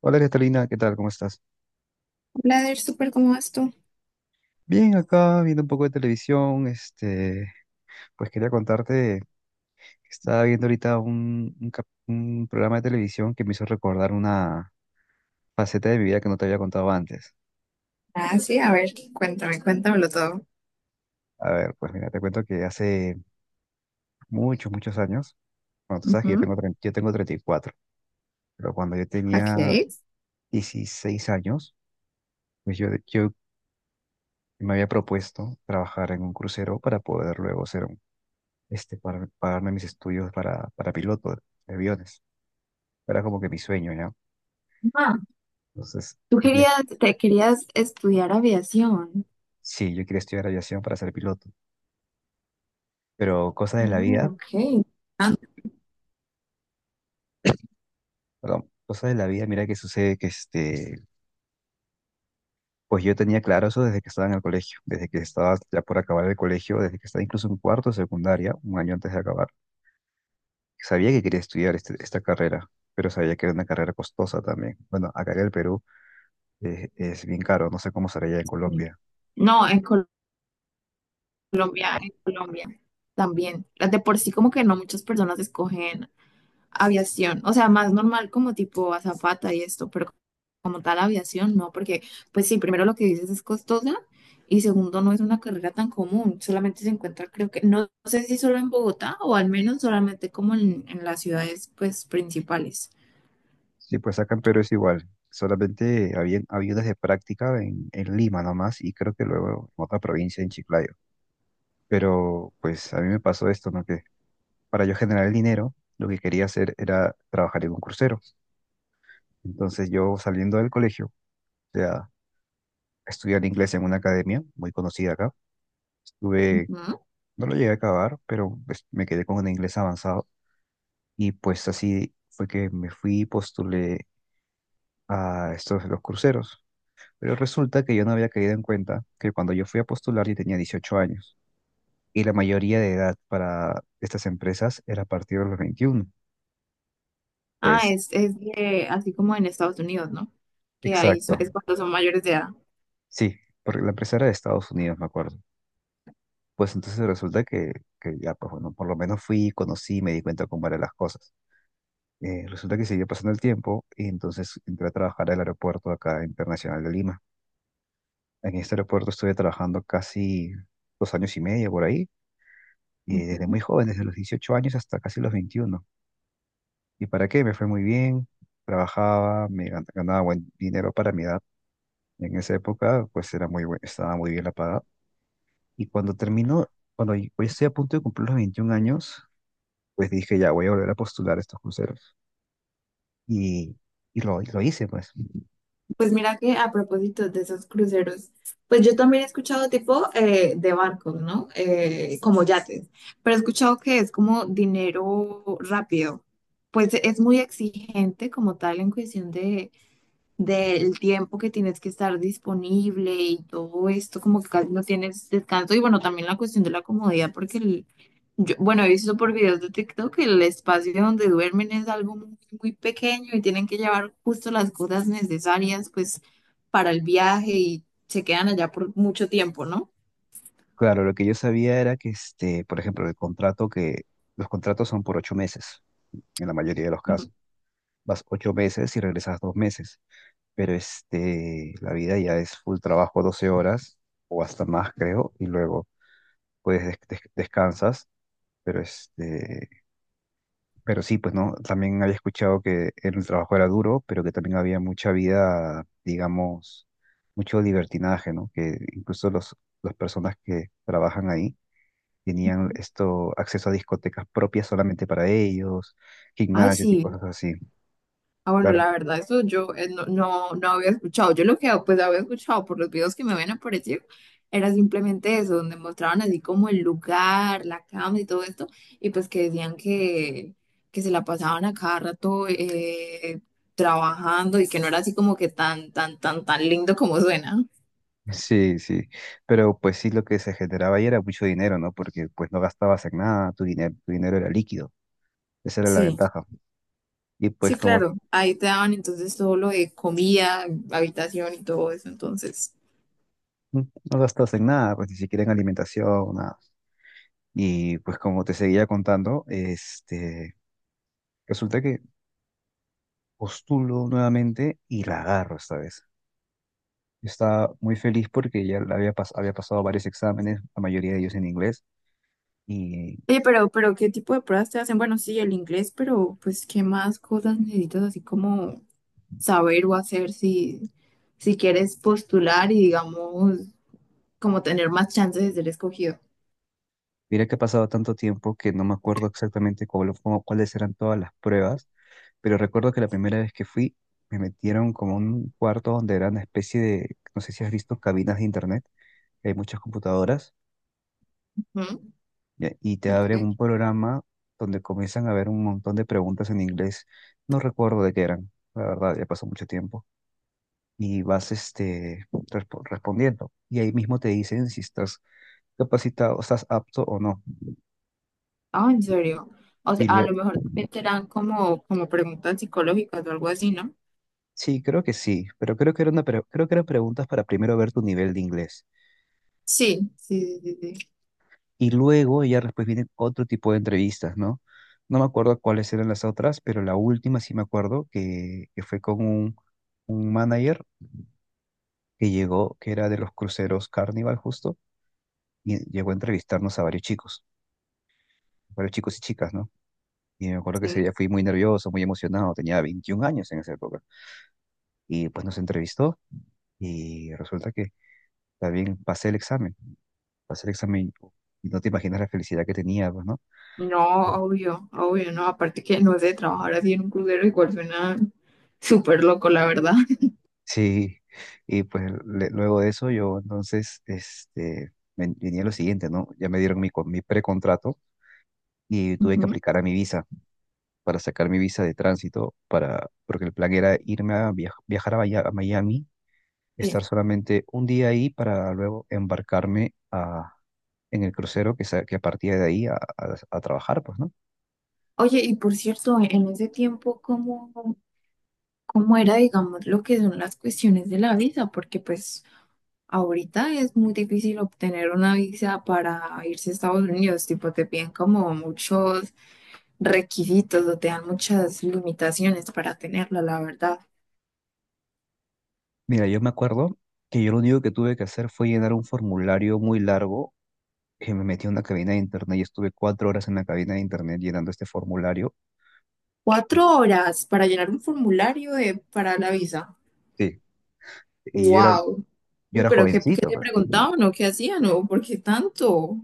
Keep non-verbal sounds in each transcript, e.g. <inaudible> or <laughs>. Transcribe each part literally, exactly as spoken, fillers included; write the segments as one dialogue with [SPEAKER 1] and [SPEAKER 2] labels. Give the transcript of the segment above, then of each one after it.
[SPEAKER 1] Hola Catalina, ¿qué tal? ¿Cómo estás?
[SPEAKER 2] Blader, súper, ¿cómo vas tú?
[SPEAKER 1] Bien, acá viendo un poco de televisión, este, pues quería contarte que estaba viendo ahorita un, un cap- un programa de televisión que me hizo recordar una faceta de mi vida que no te había contado antes.
[SPEAKER 2] Ah, sí, a ver, cuéntame, cuéntamelo todo.
[SPEAKER 1] A ver, pues mira, te cuento que hace muchos, muchos años, bueno, tú sabes que yo
[SPEAKER 2] Ujú.
[SPEAKER 1] tengo, tre- yo tengo treinta y cuatro. Pero cuando yo tenía
[SPEAKER 2] Ok.
[SPEAKER 1] dieciséis años, pues yo, yo me había propuesto trabajar en un crucero para poder luego ser un, este, para pagarme mis estudios para, para piloto de aviones. Era como que mi sueño, ¿no?
[SPEAKER 2] Ah,
[SPEAKER 1] Entonces,
[SPEAKER 2] tú
[SPEAKER 1] yo quería-
[SPEAKER 2] querías, te querías estudiar aviación.
[SPEAKER 1] sí, yo quería estudiar aviación para ser piloto, pero cosas de la
[SPEAKER 2] Mm,
[SPEAKER 1] vida,
[SPEAKER 2] ok. Ah,
[SPEAKER 1] perdón, cosas de la vida, mira que sucede que este, pues yo tenía claro eso desde que estaba en el colegio, desde que estaba ya por acabar el colegio, desde que estaba incluso en cuarto de secundaria, un año antes de acabar, sabía que quería estudiar este- esta carrera. Pero sabía que era una carrera costosa también. Bueno, acá en el Perú eh, es bien caro, no sé cómo será allá en
[SPEAKER 2] sí.
[SPEAKER 1] Colombia.
[SPEAKER 2] No, en Col- en Colombia también. Las de por sí como que no muchas personas escogen aviación, o sea, más normal como tipo azafata y esto, pero como tal aviación, no, porque pues sí, primero lo que dices es costosa y segundo no es una carrera tan común, solamente se encuentra creo que, no sé si solo en Bogotá o al menos solamente como en, en las ciudades pues principales.
[SPEAKER 1] Sí, pues acá en Perú es igual. Solamente había, había unas de práctica en, en Lima nomás y creo que luego en otra provincia, en Chiclayo. Pero pues a mí me pasó esto, ¿no? Que para yo generar el dinero, lo que quería hacer era trabajar en un crucero. Entonces yo saliendo del colegio, o sea, estudiar inglés en una academia muy conocida acá. Estuve,
[SPEAKER 2] Ujú.
[SPEAKER 1] no lo llegué a acabar, pero pues, me quedé con un inglés avanzado. Y pues así fue que me fui y postulé a estos, los cruceros. Pero resulta que yo no había caído en cuenta que cuando yo fui a postular yo tenía dieciocho años y la mayoría de edad para estas empresas era a partir de los veintiuno.
[SPEAKER 2] Ah,
[SPEAKER 1] Pues,
[SPEAKER 2] es, es de- así como en Estados Unidos, ¿no? Que ahí so-
[SPEAKER 1] exacto.
[SPEAKER 2] es cuando son mayores de edad.
[SPEAKER 1] Sí, porque la empresa era de Estados Unidos, me acuerdo. Pues entonces resulta que, que ya, pues bueno, por lo menos fui, conocí, me di cuenta cómo eran las cosas. Eh, resulta que siguió pasando el tiempo y entonces entré a trabajar al aeropuerto acá internacional de Lima. En este aeropuerto estuve trabajando casi dos años y medio por ahí, y desde muy
[SPEAKER 2] Ujú.
[SPEAKER 1] joven, desde los dieciocho años hasta casi los veintiuno. ¿Y para qué? Me fue muy bien, trabajaba, me gan- ganaba buen dinero para mi edad. En esa época, pues era muy buen- estaba muy bien la paga. Y cuando terminó, cuando y- pues, estoy a punto de cumplir los veintiún años, pues dije, ya, voy a volver a postular a estos cruceros. Y, y lo, y lo hice, pues.
[SPEAKER 2] Pues mira que a propósito de esos cruceros, pues yo también he escuchado tipo eh, de barcos, ¿no? Eh, como yates, pero he escuchado que es como dinero rápido. Pues es muy exigente como tal en cuestión de del tiempo que tienes que estar disponible y todo esto, como que casi no tienes descanso. Y bueno, también la cuestión de la comodidad, porque el, yo, bueno, he visto por videos de TikTok que el espacio donde duermen es algo muy, muy pequeño y tienen que llevar justo las cosas necesarias, pues, para el viaje y se quedan allá por mucho tiempo, ¿no?
[SPEAKER 1] Claro, lo que yo sabía era que, este, por ejemplo, el contrato que, los contratos son por ocho meses, en la mayoría de los
[SPEAKER 2] Ujú.
[SPEAKER 1] casos. Vas ocho meses y regresas dos meses. Pero este, la vida ya es full trabajo doce horas o hasta más, creo, y luego pues des- des- descansas, pero este, pero sí, pues no, también había escuchado que el trabajo era duro, pero que también había mucha vida, digamos, mucho libertinaje, ¿no? Que incluso los, las personas que trabajan ahí tenían esto, acceso a discotecas propias solamente para ellos,
[SPEAKER 2] Ay,
[SPEAKER 1] gimnasios y
[SPEAKER 2] sí.
[SPEAKER 1] cosas así.
[SPEAKER 2] Ah, bueno,
[SPEAKER 1] Claro.
[SPEAKER 2] la verdad, eso yo eh, no, no, no había escuchado. Yo lo que pues había escuchado por los videos que me habían aparecido era simplemente eso, donde mostraban así como el lugar, la cama y todo esto, y pues que decían que, que se la pasaban a cada rato eh, trabajando y que no era así como que tan, tan, tan, tan lindo como suena.
[SPEAKER 1] Sí, sí, pero pues sí lo que se generaba ahí era mucho dinero, ¿no? Porque pues no gastabas en nada, tu dinero, tu dinero era líquido, esa era la
[SPEAKER 2] Sí,
[SPEAKER 1] ventaja. Y pues
[SPEAKER 2] sí,
[SPEAKER 1] como
[SPEAKER 2] claro. Ahí te daban entonces todo lo de comida, habitación y todo eso, entonces.
[SPEAKER 1] mm, no gastabas en nada, pues ni siquiera en alimentación, nada. Y pues como te seguía contando, este, resulta que postulo nuevamente y la agarro esta vez. Yo estaba muy feliz porque ya la había, pas- había pasado varios exámenes, la mayoría de ellos en inglés, y
[SPEAKER 2] Oye, pero, pero ¿qué tipo de pruebas te hacen? Bueno, sí, el inglés, pero pues ¿qué más cosas necesitas así como saber o hacer si, si quieres postular y digamos como tener más chances de ser escogido?
[SPEAKER 1] mira que ha pasado tanto tiempo que no me acuerdo exactamente cuál- cómo- cuáles eran todas las pruebas. Pero recuerdo que la primera vez que fui, me metieron como a un cuarto donde era una especie de, no sé si has visto cabinas de internet, que hay muchas computadoras,
[SPEAKER 2] Ujú.
[SPEAKER 1] ya, y te
[SPEAKER 2] Ok.
[SPEAKER 1] abren un programa donde comienzan a ver un montón de preguntas en inglés. No recuerdo de qué eran, la verdad, ya pasó mucho tiempo. Y vas este, respo- respondiendo. Y ahí mismo te dicen si estás capacitado, estás apto o no.
[SPEAKER 2] Ah, en serio. O sea,
[SPEAKER 1] Y
[SPEAKER 2] a
[SPEAKER 1] lue-
[SPEAKER 2] lo mejor también te dan como, como preguntas psicológicas o algo así, ¿no?
[SPEAKER 1] sí, creo que sí, pero creo que era una pre- creo que eran preguntas para primero ver tu nivel de inglés.
[SPEAKER 2] Sí, sí, sí, sí, sí.
[SPEAKER 1] Y luego ya después vienen otro tipo de entrevistas, ¿no? No me acuerdo cuáles eran las otras, pero la última sí me acuerdo que, que fue con un, un manager que llegó, que era de los cruceros Carnival justo, y llegó a entrevistarnos a varios chicos, varios chicos y chicas, ¿no? Y me acuerdo que ese
[SPEAKER 2] Sí.
[SPEAKER 1] día fui muy nervioso, muy emocionado, tenía veintiún años en esa época. Y pues nos entrevistó y resulta que también pasé el examen, pasé el examen y no te imaginas la felicidad que tenía, pues, ¿no?
[SPEAKER 2] No, obvio, obvio, no. Aparte que no sé, trabajar así en un crucero igual suena súper loco, la verdad.
[SPEAKER 1] Sí, y pues le- luego de eso yo entonces este, ven- venía lo siguiente, ¿no? Ya me dieron mi, con- mi precontrato y tuve que
[SPEAKER 2] Ujú.
[SPEAKER 1] aplicar a mi visa para sacar mi visa de tránsito, para, porque el plan era irme a viaj- viajar a, Maya- a Miami,
[SPEAKER 2] <laughs> Sí.
[SPEAKER 1] estar solamente un día ahí para luego embarcarme a, en el crucero que, sa- que partía de ahí a, a- a trabajar, pues, ¿no?
[SPEAKER 2] Oye, y por cierto, e-, en ese tiempo, ¿cómo, cómo era, digamos, lo que son las cuestiones de la visa? Porque pues ahorita es muy difícil obtener una visa para irse a Estados Unidos, tipo te piden como muchos requisitos o te dan muchas limitaciones para tenerla, la verdad.
[SPEAKER 1] Mira, yo me acuerdo que yo lo único que tuve que hacer fue llenar un formulario muy largo que me metí a una cabina de internet y estuve cuatro horas en la cabina de internet llenando este formulario.
[SPEAKER 2] Cuatro horas para llenar un formulario de- para la visa.
[SPEAKER 1] Sí. Y yo era,
[SPEAKER 2] ¡Wow!
[SPEAKER 1] yo
[SPEAKER 2] Uy,
[SPEAKER 1] era
[SPEAKER 2] pero ¿qué, qué
[SPEAKER 1] jovencito,
[SPEAKER 2] te
[SPEAKER 1] pues.
[SPEAKER 2] preguntaban o qué hacían o por qué tanto?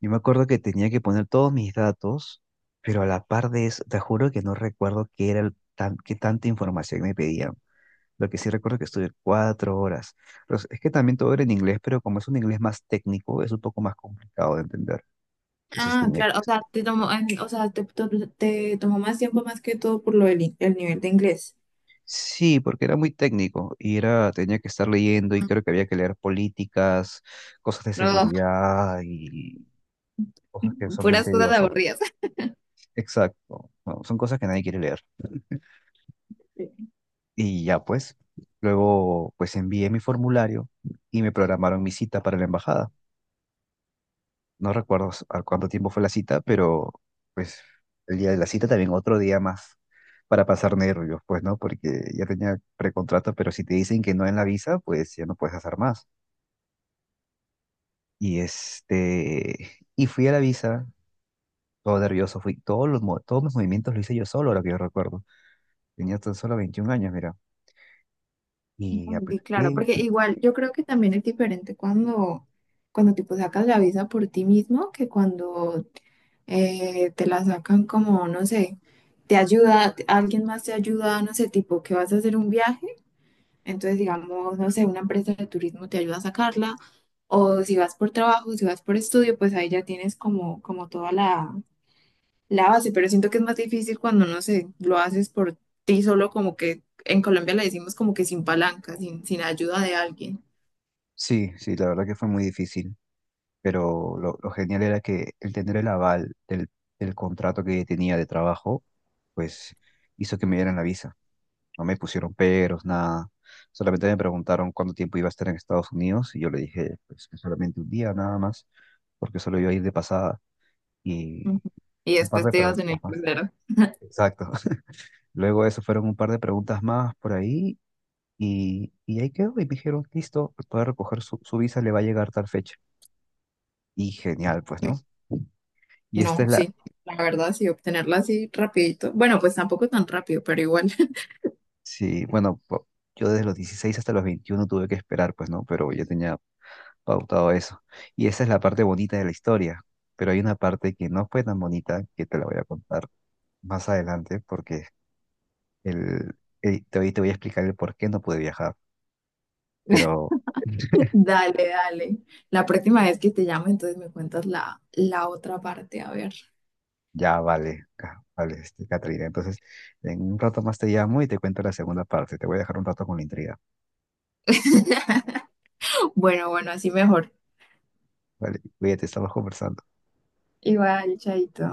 [SPEAKER 1] Yo me acuerdo que tenía que poner todos mis datos, pero a la par de eso, te juro que no recuerdo qué era el tan, qué tanta información me pedían. Lo que sí recuerdo que estuve cuatro horas. Pero es que también todo era en inglés, pero como es un inglés más técnico, es un poco más complicado de entender. Entonces
[SPEAKER 2] Ah,
[SPEAKER 1] tenía
[SPEAKER 2] claro,
[SPEAKER 1] que,
[SPEAKER 2] o sea, te tomó, en- o sea, te, to- te tomó más tiempo más que todo por lo del in- el nivel de inglés.
[SPEAKER 1] sí, porque era muy técnico y era, tenía que estar leyendo y creo que había que leer políticas, cosas de
[SPEAKER 2] No,
[SPEAKER 1] seguridad y cosas que
[SPEAKER 2] <laughs>
[SPEAKER 1] son bien
[SPEAKER 2] puras cosas
[SPEAKER 1] tediosas.
[SPEAKER 2] aburridas.
[SPEAKER 1] Exacto. No, son cosas que nadie quiere leer.
[SPEAKER 2] Sí.
[SPEAKER 1] Y ya pues, luego pues envié mi formulario y me programaron mi cita para la embajada. No recuerdo s- a cuánto tiempo fue la cita, pero pues el día de la cita también otro día más para pasar nervios, pues, ¿no? Porque ya tenía precontrato, pero si te dicen que no en la visa, pues ya no puedes hacer más. Y este, y fui a la visa, todo nervioso, fui, todos los, mo- todos mis movimientos lo hice yo solo, ahora que yo recuerdo. Tenía tan solo veintiún años, mira. Y
[SPEAKER 2] <laughs> Sí, claro,
[SPEAKER 1] apliqué.
[SPEAKER 2] porque igual yo creo que también es diferente cuando, cuando tipo sacas la visa por ti mismo que cuando eh, te la sacan como, no sé, te ayuda, alguien más te ayuda, no sé, tipo que vas a hacer un viaje. Entonces, digamos, no sé, una empresa de turismo te ayuda a sacarla, o si vas por trabajo, si vas por estudio, pues ahí ya tienes como, como toda la, la base, pero siento que es más difícil cuando, no sé, lo haces por ti solo, como que en Colombia le decimos como que sin palanca, sin, sin ayuda de alguien.
[SPEAKER 1] Sí, sí, la verdad que fue muy difícil, pero lo, lo genial era que el tener el aval del, del contrato que tenía de trabajo, pues hizo que me dieran la visa. No me pusieron peros, nada. Solamente me preguntaron cuánto tiempo iba a estar en Estados Unidos y yo le dije, pues que solamente un día nada más, porque solo iba a ir de pasada.
[SPEAKER 2] Ujú.
[SPEAKER 1] Y
[SPEAKER 2] Y
[SPEAKER 1] un par
[SPEAKER 2] después
[SPEAKER 1] de
[SPEAKER 2] te vas a tener
[SPEAKER 1] preguntas
[SPEAKER 2] que
[SPEAKER 1] más.
[SPEAKER 2] hacer-
[SPEAKER 1] Exacto. <laughs> Luego eso fueron un par de preguntas más por ahí y, y ahí quedó y me dijeron, listo, puede recoger su, su visa, le va a llegar tal fecha. Y genial, pues, ¿no? Y esta
[SPEAKER 2] No,
[SPEAKER 1] es la,
[SPEAKER 2] sí, la verdad, sí, obtenerla así rapidito. Bueno, pues tampoco tan rápido, pero igual. <laughs>
[SPEAKER 1] sí, bueno, po- yo desde los dieciséis hasta los veintiuno tuve que esperar, pues, ¿no? Pero yo tenía pautado eso. Y esa es la parte bonita de la historia, pero hay una parte que no fue tan bonita que te la voy a contar más adelante porque el, el- te, voy- te voy a explicar el por qué no pude viajar, pero...
[SPEAKER 2] Dale, dale. La próxima vez que te llame, entonces me cuentas la, la otra parte, a ver.
[SPEAKER 1] Ya, vale, ca- vale, este, Catrina. Entonces, en un rato más te llamo y te cuento la segunda parte. Te voy a dejar un rato con la intriga.
[SPEAKER 2] <laughs> Bueno, bueno, así mejor.
[SPEAKER 1] Vale, cuídate, estamos conversando.
[SPEAKER 2] Igual, chaito.